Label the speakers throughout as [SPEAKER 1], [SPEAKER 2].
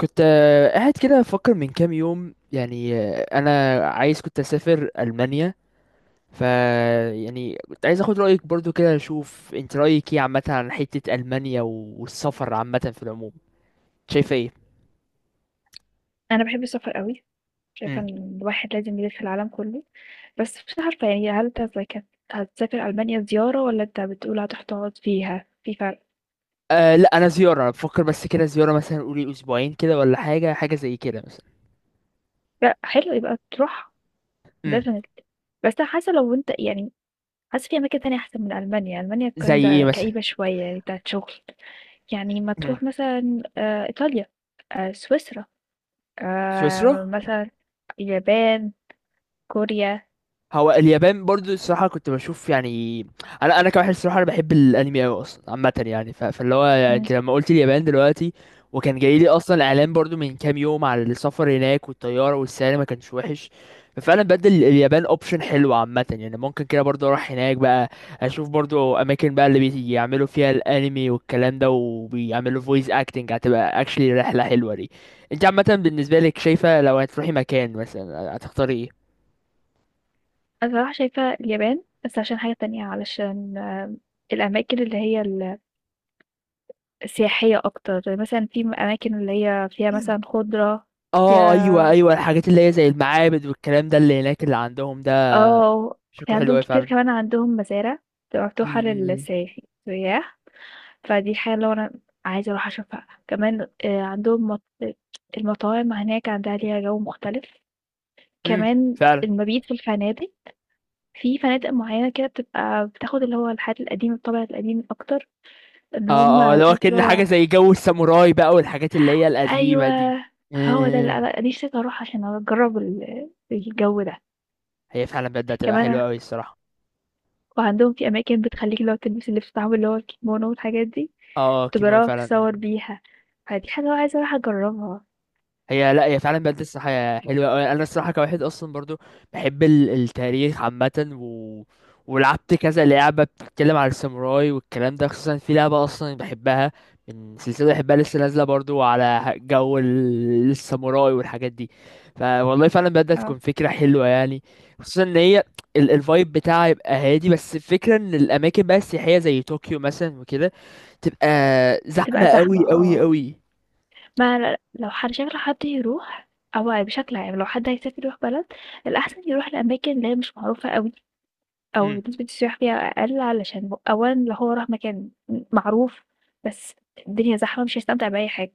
[SPEAKER 1] كنت قاعد كده بفكر من كام يوم يعني، انا عايز كنت اسافر المانيا. ف يعني كنت عايز اخد رايك برضو كده اشوف انت رايك ايه عامه عن حته المانيا و- والسفر عامه في العموم، شايفه ايه؟
[SPEAKER 2] أنا باحب السفر أوي، شايفة
[SPEAKER 1] امم.
[SPEAKER 2] إن الواحد لازم يلِف العالم كلّه، بس مش عارفة يعني هل أنت زي كانت هتسافر ألمانيا زيارة والّا أنت بتقول هتروح تقعد فيها، في فرق؟
[SPEAKER 1] أه لا، انا زياره، انا بفكر بس كده زياره مثلا، قولي اسبوعين كده ولا حاجه زي كده مثلا.
[SPEAKER 2] لأ حلو يبقى تروحها.
[SPEAKER 1] امم.
[SPEAKER 2] Definitely. بس أنا حاسة لو أنت يعني حاسة في أماكن تانية أحسن من ألمانيا، ألمانيا
[SPEAKER 1] زي ايه
[SPEAKER 2] kinda
[SPEAKER 1] مثلا؟
[SPEAKER 2] كئيبة شوية يعني بتاعة شغل، يعني ما
[SPEAKER 1] امم.
[SPEAKER 2] تروح مثلًا إيطاليا، سويسرا،
[SPEAKER 1] سويسرا.
[SPEAKER 2] مثلًا اليابان، كوريا.
[SPEAKER 1] هو اليابان برضو الصراحة كنت بشوف يعني، أنا كواحد الصراحة أنا بحب الأنمي أوي أصلا عامة يعني، ف... فاللي هو يعني
[SPEAKER 2] إمم.
[SPEAKER 1] أنت لما قلت اليابان دلوقتي، وكان جاي لي أصلا إعلان برضو من كام يوم على السفر هناك، والطيارة والسعر ما كانش وحش. ففعلا بدل اليابان أوبشن حلو عامة يعني، ممكن كده برضو أروح هناك بقى، أشوف برضو أماكن بقى اللي بيعملوا فيها الأنمي والكلام ده، وبيعملوا فويس أكتنج. هتبقى أكشلي رحلة حلوة دي. أنت عامة بالنسبة لك، شايفة لو هتروحي مكان مثلا هتختاري إيه؟
[SPEAKER 2] أنا بصراحة شايفة اليابان بس عشان حاجة تانية علشان الأماكن اللي هي السياحية أكتر مثلا في أماكن اللي هي فيها مثلا خضرة
[SPEAKER 1] اه
[SPEAKER 2] فيها.
[SPEAKER 1] ايوه ايوه، الحاجات اللي هي زي المعابد والكلام ده اللي هناك اللي عندهم ده،
[SPEAKER 2] اه في
[SPEAKER 1] شكله حلو
[SPEAKER 2] عندهم
[SPEAKER 1] اوي
[SPEAKER 2] كتير،
[SPEAKER 1] فعلا.
[SPEAKER 2] كمان عندهم مزارع بتبقى مفتوحة
[SPEAKER 1] امم.
[SPEAKER 2] للسياح سياح. فدي حاجة اللي هو أنا عايزة أروح أشوفها كمان. عندهم المطاعم هناك عندها ليها جو مختلف كمان.
[SPEAKER 1] فعلا.
[SPEAKER 2] المبيت في الفنادق، في فنادق معينة كده بتبقى بتاخد اللي هو الحاجات القديمة الطابع القديم أكتر، ان
[SPEAKER 1] اه
[SPEAKER 2] هم
[SPEAKER 1] اه، اللي
[SPEAKER 2] مش
[SPEAKER 1] هو
[SPEAKER 2] عارف.
[SPEAKER 1] كأن حاجه زي جو الساموراي بقى، والحاجات اللي هي
[SPEAKER 2] أيوه،
[SPEAKER 1] القديمه دي.
[SPEAKER 2] هو ده اللي
[SPEAKER 1] امم.
[SPEAKER 2] أنا نِفسي أروح عشان أجرّب الجو ده،
[SPEAKER 1] هي فعلا بجد هتبقى
[SPEAKER 2] كمان.
[SPEAKER 1] حلوه اوي الصراحه.
[SPEAKER 2] وعندهم في أماكن بتخلّيكِ اللي هو تلبسي اللبس بتاعهم اللي هو الكيمونو والحاجات دي،
[SPEAKER 1] اه، كيمونو
[SPEAKER 2] تجرّبي
[SPEAKER 1] فعلا.
[SPEAKER 2] وتتصور بيها، فدي حاجة أنا عايزة أروح أجرّبها.
[SPEAKER 1] هي لا، هي فعلا بجد الصراحة حلوة أوي، أنا الصراحة كواحد أصلا برضو بحب التاريخ عامة، و... ولعبت كذا لعبة بتتكلم على الساموراي والكلام ده، خصوصا في لعبة أصلا بحبها من سلسلة بحبها لسه نازلة برضو على جو الساموراي والحاجات دي. فوالله فعلا بدأت
[SPEAKER 2] آه.
[SPEAKER 1] تكون فكرة حلوة يعني. خصوصا إن هي الفايب بتاعها يبقى هادي، بس الفكرة إن الأماكن بقى السياحية زي طوكيو مثلا وكده تبقى زحمة
[SPEAKER 2] تبقى زحمة، آه،
[SPEAKER 1] أوي أوي
[SPEAKER 2] آه.
[SPEAKER 1] أوي.
[SPEAKER 2] ما لو حد شكل حد يروح، أو بشكل عام لو حد هيسافر يروح بلد، الأحسن يروح لأماكن اللي هي مش معروفة أوي، أو نسبة السياح فيها أقل، علشان أولًا لو هو راح مكان معروف بس الدنيا زحمة مش هيستمتع بأي حاجة.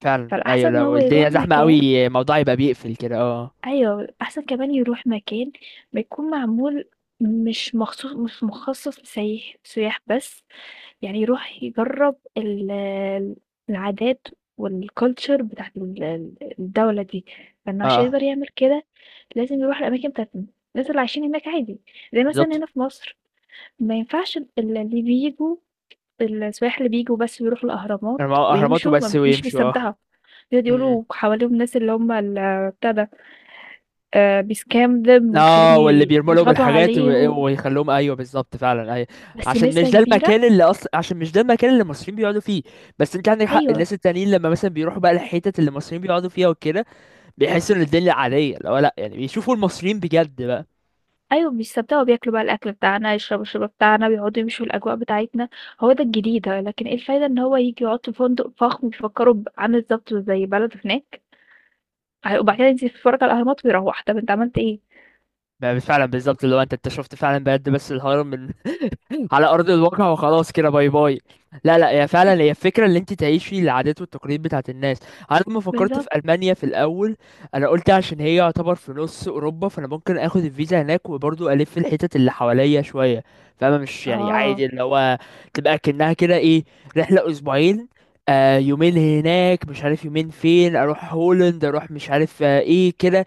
[SPEAKER 1] فعلا
[SPEAKER 2] فالأحسن
[SPEAKER 1] ايوه،
[SPEAKER 2] إن
[SPEAKER 1] لو
[SPEAKER 2] هو
[SPEAKER 1] الدنيا
[SPEAKER 2] يروح
[SPEAKER 1] زحمه
[SPEAKER 2] مكان،
[SPEAKER 1] قوي الموضوع يبقى بيقفل كده اه.
[SPEAKER 2] أيوه، الأحسن كمان يروح مكان بيكون معمول، مش مخصوص مش مخصص لسايح سياح بس، يعني يروح يجرّب ال العادات والculture بتاعة ال الدولة دي، فإنه عشان
[SPEAKER 1] اه
[SPEAKER 2] يقدر يعمل كده لازم يروح الأماكن بتاعة الناس اللي عايشين هناك عادي، زي مثلًا
[SPEAKER 1] بالظبط،
[SPEAKER 2] هنا في مصر ما ينفعش اللي بييجوا السياح اللي بييجوا بس بيروحوا الأهرامات
[SPEAKER 1] اهرامات
[SPEAKER 2] ويمشوا،
[SPEAKER 1] وبس
[SPEAKER 2] ما مش
[SPEAKER 1] ويمشوا اه.
[SPEAKER 2] بيستمتعوا، بيقعدوا
[SPEAKER 1] م- م.
[SPEAKER 2] يقولوا حواليهم ناس اللي هم ال بتاع ده، بيscam them ويخلّيهم
[SPEAKER 1] اه، واللي بيرموا لهم
[SPEAKER 2] بيضغطوا
[SPEAKER 1] الحاجات
[SPEAKER 2] عليهم،
[SPEAKER 1] ويخلوهم، ايوه بالظبط فعلا ايوه.
[SPEAKER 2] بس نسبة كبيرة.
[SPEAKER 1] عشان مش ده المكان اللي المصريين بيقعدوا فيه. بس انت عندك حق،
[SPEAKER 2] أيوه،
[SPEAKER 1] الناس التانيين لما مثلا بيروحوا بقى الحتت اللي المصريين بيقعدوا فيها وكده بيحسوا ان الدنيا عاديه، لو لا يعني بيشوفوا المصريين بجد بقى.
[SPEAKER 2] أيوه، بيستمتعوا، بياكلوا بقى الأكل بتاعنا، يشربوا الشرب بتاعنا، بيقعدوا يمشوا الأجواء بتاعتنا، هو ده الجديد، لكن إيه الفايدة إن هو ييجي يقعد في فندق فخم بيفكّروا عامل بالضبط زي بلده هناك، وبعد كده ينزل يتفرّج على الأهرامات ويروّح، طَب أنت عملت إيه؟
[SPEAKER 1] فعلا بالظبط، اللي هو انت شفت فعلا بجد بس الهرم على ارض الواقع وخلاص كده باي باي. لا لا، هي فعلا هي الفكره اللي انت تعيشي العادات والتقاليد بتاعت الناس. انا لما فكرت في
[SPEAKER 2] بالضبط.
[SPEAKER 1] المانيا في الاول، انا قلت عشان هي يعتبر في نص اوروبا، فانا ممكن اخد الفيزا هناك وبرضه الف الحتت اللي حواليا شويه فاهمه، مش يعني
[SPEAKER 2] آه.
[SPEAKER 1] عادي اللي هو تبقى كأنها كده ايه، رحله اسبوعين، يومين هناك مش عارف، يومين فين، اروح هولند، اروح مش عارف ايه كده.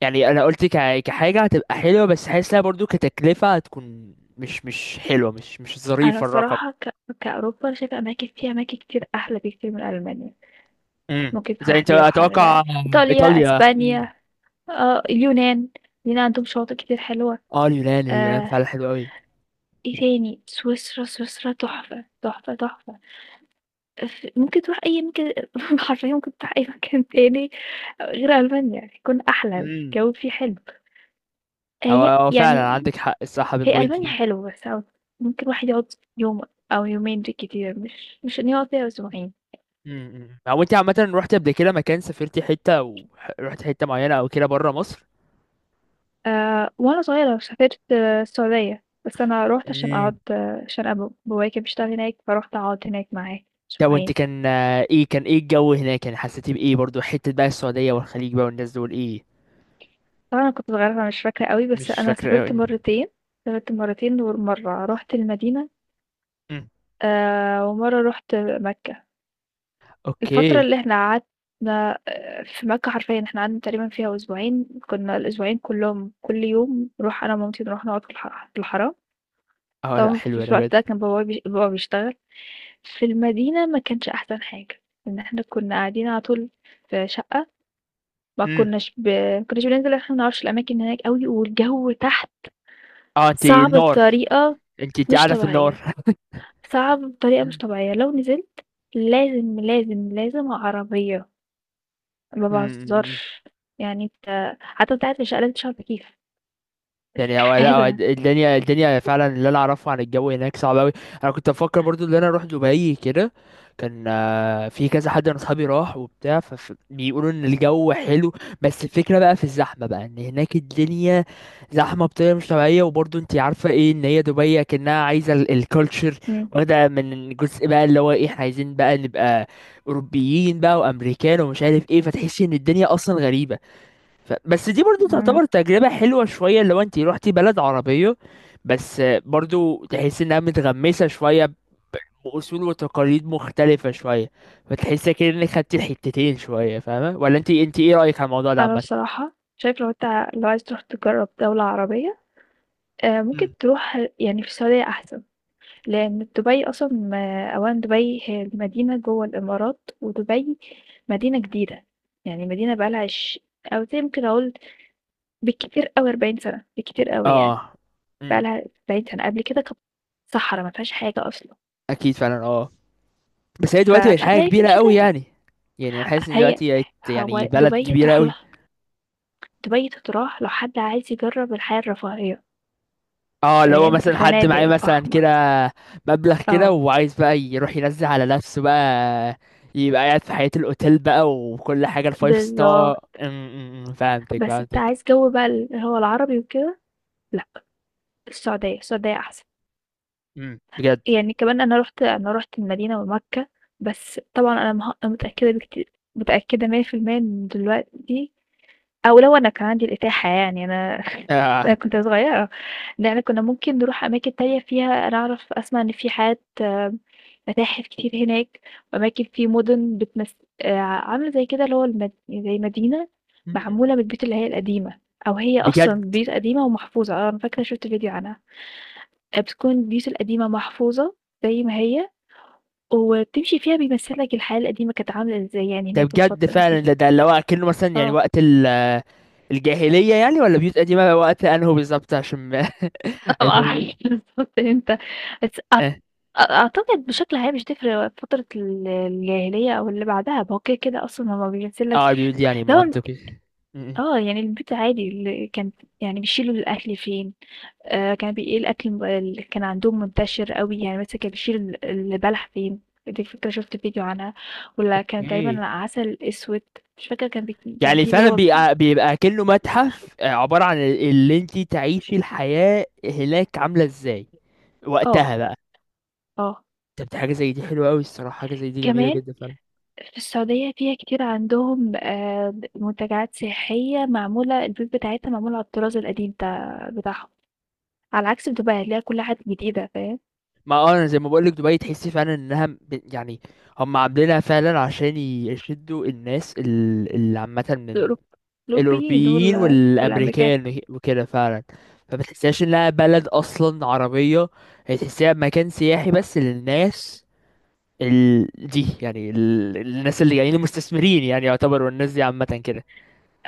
[SPEAKER 1] يعني انا قلت كحاجه هتبقى حلوه، بس حاسس لها برضو كتكلفه هتكون مش حلوه، مش
[SPEAKER 2] أنا
[SPEAKER 1] ظريف الرقم.
[SPEAKER 2] الصراحة كأوروبا أنا شايفة أماكن فيها أماكن كتير أحلى بكتير من ألمانيا.
[SPEAKER 1] امم،
[SPEAKER 2] ممكن
[SPEAKER 1] زي انت
[SPEAKER 2] واحد يروح على
[SPEAKER 1] اتوقع.
[SPEAKER 2] ذلك إيطاليا،
[SPEAKER 1] ايطاليا، امم.
[SPEAKER 2] أسبانيا، اليونان. اليونان عندهم شواطئ كتير حلوة.
[SPEAKER 1] اه اليونان، اليونان
[SPEAKER 2] آه
[SPEAKER 1] فعلا حلو قوي.
[SPEAKER 2] إيه تاني، سويسرا، سويسرا تحفة تحفة تحفة. ممكن تروح أي ممكن حرفيا ممكن تروح أي مكان تاني غير ألمانيا يكون أحلى.
[SPEAKER 1] امم.
[SPEAKER 2] الجو فيه حلو.
[SPEAKER 1] هو
[SPEAKER 2] هي
[SPEAKER 1] هو فعلا
[SPEAKER 2] يعني
[SPEAKER 1] عندك حق، الصح
[SPEAKER 2] هي
[SPEAKER 1] بالبوينت
[SPEAKER 2] ألمانيا
[SPEAKER 1] دي.
[SPEAKER 2] حلوة، بس ممكن واحد يقعد يوم أو يومين بالكتير، مش إن يقعد فيها أسبوعين.
[SPEAKER 1] امم. هو انت عامه رحت قبل كده مكان؟ سافرتي حته ورحت حته معينه او كده بره مصر؟
[SPEAKER 2] وأنا صغيرة سافرت، السعودية، بس أنا رُحت عشان
[SPEAKER 1] امم.
[SPEAKER 2] أقعد، عشان بابايا كان بيشتغل هناك، فرُحت أقعد هناك معاه
[SPEAKER 1] طب وانت
[SPEAKER 2] أسبوعين.
[SPEAKER 1] كان ايه، كان ايه الجو هناك يعني؟ حسيتي بايه برضو، حته بقى السعوديه والخليج بقى، والناس دول ايه؟
[SPEAKER 2] طبعًا أنا كنت صغيرة فمش فاكرة أوي، بس
[SPEAKER 1] مش
[SPEAKER 2] أنا
[SPEAKER 1] فاكره
[SPEAKER 2] سافرت
[SPEAKER 1] قوي.
[SPEAKER 2] مرتين، ومرّة رُحت المدينة،
[SPEAKER 1] امم.
[SPEAKER 2] ومرّة رُحت مكة. الفترة
[SPEAKER 1] اوكي.
[SPEAKER 2] اللي إحنا قعدنا في مكة حرفيًا إحنا قعدنا تقريبًا فيها أسبوعين، كنا الأسبوعين كلّهم كل يوم نروح أنا ومامتي نروح نقعد في الحرم.
[SPEAKER 1] اه لا
[SPEAKER 2] طبعًا في
[SPEAKER 1] حلوة انا بجد.
[SPEAKER 2] الوقت ده كان بابا بيشتغل، في المدينة ما كانش أحسن حاجة، لإن إحنا كنا قاعدين على طول في شقة،
[SPEAKER 1] امم.
[SPEAKER 2] ما كناش بننزل، إحنا ما نعرفش الأماكن هناك أوي، والجو تحت
[SPEAKER 1] اه انت
[SPEAKER 2] صعب
[SPEAKER 1] النار،
[SPEAKER 2] بطريقة
[SPEAKER 1] انت
[SPEAKER 2] مش
[SPEAKER 1] قاعدة في
[SPEAKER 2] طبيعية،
[SPEAKER 1] النار.
[SPEAKER 2] صعب بطريقة مش طبيعية. لو نزلت لازم، لازم، لازم عربية، ما باهزرش، يعني أنت حتى وأنت قاعد في الشقة لازم تشغل تكييف،
[SPEAKER 1] يعني هو، لا هو
[SPEAKER 2] استحالة.
[SPEAKER 1] الدنيا فعلا اللي انا اعرفه عن الجو هناك صعب قوي. انا كنت بفكر برضو ان انا اروح دبي كده، كان في كذا حد من اصحابي راح وبتاع فبيقولوا ان الجو حلو، بس الفكره بقى في الزحمه بقى ان هناك الدنيا زحمه بطريقه مش طبيعيه. وبرضو انت عارفه ايه ان هي دبي كانها عايزه الكالتشر
[SPEAKER 2] إمم،
[SPEAKER 1] واخده من جزء بقى اللي هو ايه، احنا عايزين بقى نبقى اوروبيين بقى وامريكان ومش عارف ايه، فتحسي ان الدنيا اصلا غريبه. بس دي برضو
[SPEAKER 2] إمم.
[SPEAKER 1] تعتبر تجربة حلوة شوية لو انت روحتي بلد عربية، بس برضو تحس انها متغمسة شوية بأصول وتقاليد مختلفة شوية، فتحس كده انك خدتي الحتتين شوية فاهمة، ولا انت ايه رأيك على الموضوع ده
[SPEAKER 2] أنا
[SPEAKER 1] عامة؟
[SPEAKER 2] بصراحة شايفة لو عايز تروح تجرّب دولة عربية، ممكن
[SPEAKER 1] مم.
[SPEAKER 2] تروح يعني في السعودية أحسن، لإن دبي أصلًا أولًا دبي هي المدينة جوّه الإمارات، ودبي مدينة جديدة، يعني مدينة بقى لها أو زي ممكن أقول بالكتير أوي 40 سنة، بالكتير أوي يعني،
[SPEAKER 1] اه.
[SPEAKER 2] بقى
[SPEAKER 1] امم.
[SPEAKER 2] لها 40 سنة، قبل كده كانت صحرا ما فيهاش حاجة أصلًا،
[SPEAKER 1] اكيد فعلا اه. بس هي دلوقتي بقت
[SPEAKER 2] فمش
[SPEAKER 1] حاجة
[SPEAKER 2] هتلاقي ف
[SPEAKER 1] كبيرة
[SPEAKER 2] مش
[SPEAKER 1] قوي
[SPEAKER 2] هتلاقي.
[SPEAKER 1] يعني. يعني انا حاسس ان
[SPEAKER 2] هي
[SPEAKER 1] دلوقتي بقت يعني
[SPEAKER 2] هو
[SPEAKER 1] بلد
[SPEAKER 2] دبي
[SPEAKER 1] كبيرة
[SPEAKER 2] تروح
[SPEAKER 1] قوي.
[SPEAKER 2] لها، دبي تتراح لو حد عايز يجرّب الحياة الرفاهية،
[SPEAKER 1] اه لو
[SPEAKER 2] فاهم؟ في
[SPEAKER 1] مثلا حد معاه
[SPEAKER 2] فنادق
[SPEAKER 1] مثلا
[SPEAKER 2] فخمة،
[SPEAKER 1] كده مبلغ كده
[SPEAKER 2] آه،
[SPEAKER 1] وعايز بقى يروح ينزل على نفسه بقى، يبقى قاعد في حياة الأوتيل بقى وكل حاجة الفايف ستار.
[SPEAKER 2] بالضبط.
[SPEAKER 1] فهمتك
[SPEAKER 2] بس أنت
[SPEAKER 1] فهمتك.
[SPEAKER 2] عايز جو بقى اللي هو العربي وكده، لأ السعودية، السعودية أحسن،
[SPEAKER 1] أم، بجد.
[SPEAKER 2] يعني كمان أنا رُحت المدينة ومكة، بس طبعًا أنا متأكدة بكتير، متأكدة 100% إن دلوقتي أو لو أنا كان عندي الإتاحة يعني أنا
[SPEAKER 1] آه.
[SPEAKER 2] أنا كنت صغيرة، لإن كنا ممكن نروح أماكن تانية فيها. أنا أعرف أسمع إن في حاجات، متاحف كتير هناك وأماكن في مدن بتمس، عاملة زي كده اللي هو زي مدينة
[SPEAKER 1] أم،
[SPEAKER 2] معمولة من البيوت اللي هي القديمة، أو هي أصلا
[SPEAKER 1] بجد.
[SPEAKER 2] بيوت قديمة ومحفوظة. أنا فاكرة شفت فيديو عنها. بتكون البيوت القديمة محفوظة زي ما هي، وبتمشي فيها بيمثلك الحياة القديمة كانت عاملة ازاي يعني
[SPEAKER 1] ده
[SPEAKER 2] هناك في
[SPEAKER 1] بجد
[SPEAKER 2] الفترة
[SPEAKER 1] فعلا،
[SPEAKER 2] دي.
[SPEAKER 1] ده اللي هو كأنه مثلا يعني
[SPEAKER 2] اه
[SPEAKER 1] وقت الجاهلية، يعني ولا بيوت قديمة وقت أنهو بالظبط عشان ما... البيوت دي-
[SPEAKER 2] معرفش بالظبط امتى، بس
[SPEAKER 1] اه،
[SPEAKER 2] أعتقد بشكل عام مش تفرق فترة الجاهلية أو اللي بعدها، ما هو كده، كده أصلًا هو بينزل لك
[SPEAKER 1] البيوت دي يعني
[SPEAKER 2] اللي هو،
[SPEAKER 1] منطقي. أم، أم.
[SPEAKER 2] يعني البيت عادي ال كان، يعني بيشيلوا الأكل فين، كان إيه الأكل اللي كان عندهم منتشر أوي، يعني مثلًا كان بيشيل البلح فين، دي فكرة شُفت فيديو عنها، والّا كان تقريبًا
[SPEAKER 1] ايه
[SPEAKER 2] عسل أسود، مش فاكرة كان كان
[SPEAKER 1] يعني،
[SPEAKER 2] في اللي
[SPEAKER 1] فعلا
[SPEAKER 2] هو،
[SPEAKER 1] بيبقى كأنه متحف، عبارة عن اللي انت تعيشي الحياة هناك عاملة ازاي
[SPEAKER 2] آه،
[SPEAKER 1] وقتها بقى.
[SPEAKER 2] آه،
[SPEAKER 1] طب دي حاجة زي دي حلوة قوي الصراحة، حاجة زي دي جميلة
[SPEAKER 2] كمان
[SPEAKER 1] جدا فعلا.
[SPEAKER 2] في السعودية فيها كتير عندهم، منتجعات سياحية معمولة، البيوت بتاعتها معمولة على الطراز القديم بتاعهم، على عكس في دبي هتلاقي كل حاجة جديدة، فاهم.
[SPEAKER 1] ما اه انا زي ما بقولك، دبي تحسي فعلا انها يعني هم عاملينها فعلا عشان يشدوا الناس اللي عامة من
[SPEAKER 2] الأوروب- الأوروبيين
[SPEAKER 1] الأوروبيين
[SPEAKER 2] دول والأمريكان.
[SPEAKER 1] والأمريكان وكده فعلا، فما تحسيهاش انها بلد أصلا عربية. هي تحسيها مكان سياحي بس للناس دي، يعني الناس اللي جايين المستثمرين يعني، يعتبروا الناس دي عامة كده.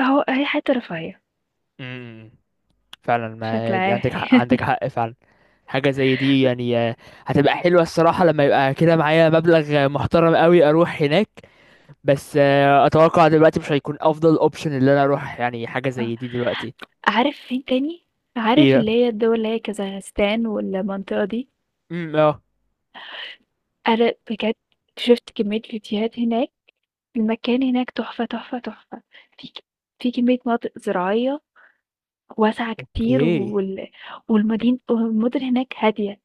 [SPEAKER 2] أهو هي حتة رفاهية
[SPEAKER 1] امم، فعلا، ما
[SPEAKER 2] بشكل
[SPEAKER 1] يعني
[SPEAKER 2] عام.
[SPEAKER 1] عندك حق، عندك حق فعلا. حاجة زي دي يعني هتبقى حلوة الصراحة لما يبقى كده معايا مبلغ محترم قوي أروح هناك. بس أتوقع دلوقتي مش هيكون أفضل أوبشن اللي أنا أروح يعني حاجة
[SPEAKER 2] آه.
[SPEAKER 1] زي دي دلوقتي.
[SPEAKER 2] عارف فين تاني، عارف
[SPEAKER 1] إيه؟
[SPEAKER 2] اللي هي الدول اللي هي كازاخستان والمنطقة دي.
[SPEAKER 1] اه.
[SPEAKER 2] أنا بجد شفت كمية فيديوهات هناك، المكان هناك تحفة تحفة تحفة. في في كمية مناطق زراعية واسعة كتير
[SPEAKER 1] أوكي.
[SPEAKER 2] والمدن هناك هادية،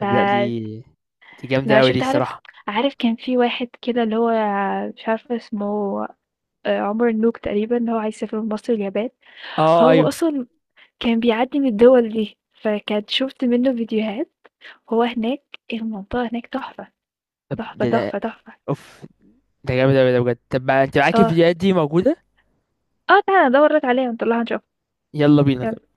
[SPEAKER 1] طب لا،
[SPEAKER 2] فلأ.
[SPEAKER 1] دي جامدة أوي دي
[SPEAKER 2] شُفت، عارف
[SPEAKER 1] الصراحة.
[SPEAKER 2] عارف كان في واحد كده اللي هو مش عارفة اسمه، عمر النوك تقريبًا، اللي هو عايز يسافر من مصر اليابان،
[SPEAKER 1] اه
[SPEAKER 2] هو
[SPEAKER 1] أيوه.
[SPEAKER 2] أصلًا كان بيعدّي من الدول دي، فكانت شُفت منّه فيديوهات وهو هناك، المنطقة هناك تحفة،
[SPEAKER 1] طب
[SPEAKER 2] تحفة،
[SPEAKER 1] ده
[SPEAKER 2] تحفة، تحفة.
[SPEAKER 1] أوف، ده جامد أوي ده بجد. طب ما أنت معاك
[SPEAKER 2] آه،
[SPEAKER 1] الفيديوهات دي موجودة؟
[SPEAKER 2] آه تعالَ أدوّر لك عليها ونطلّعها نشوفها،
[SPEAKER 1] يلا بينا.
[SPEAKER 2] يالّا.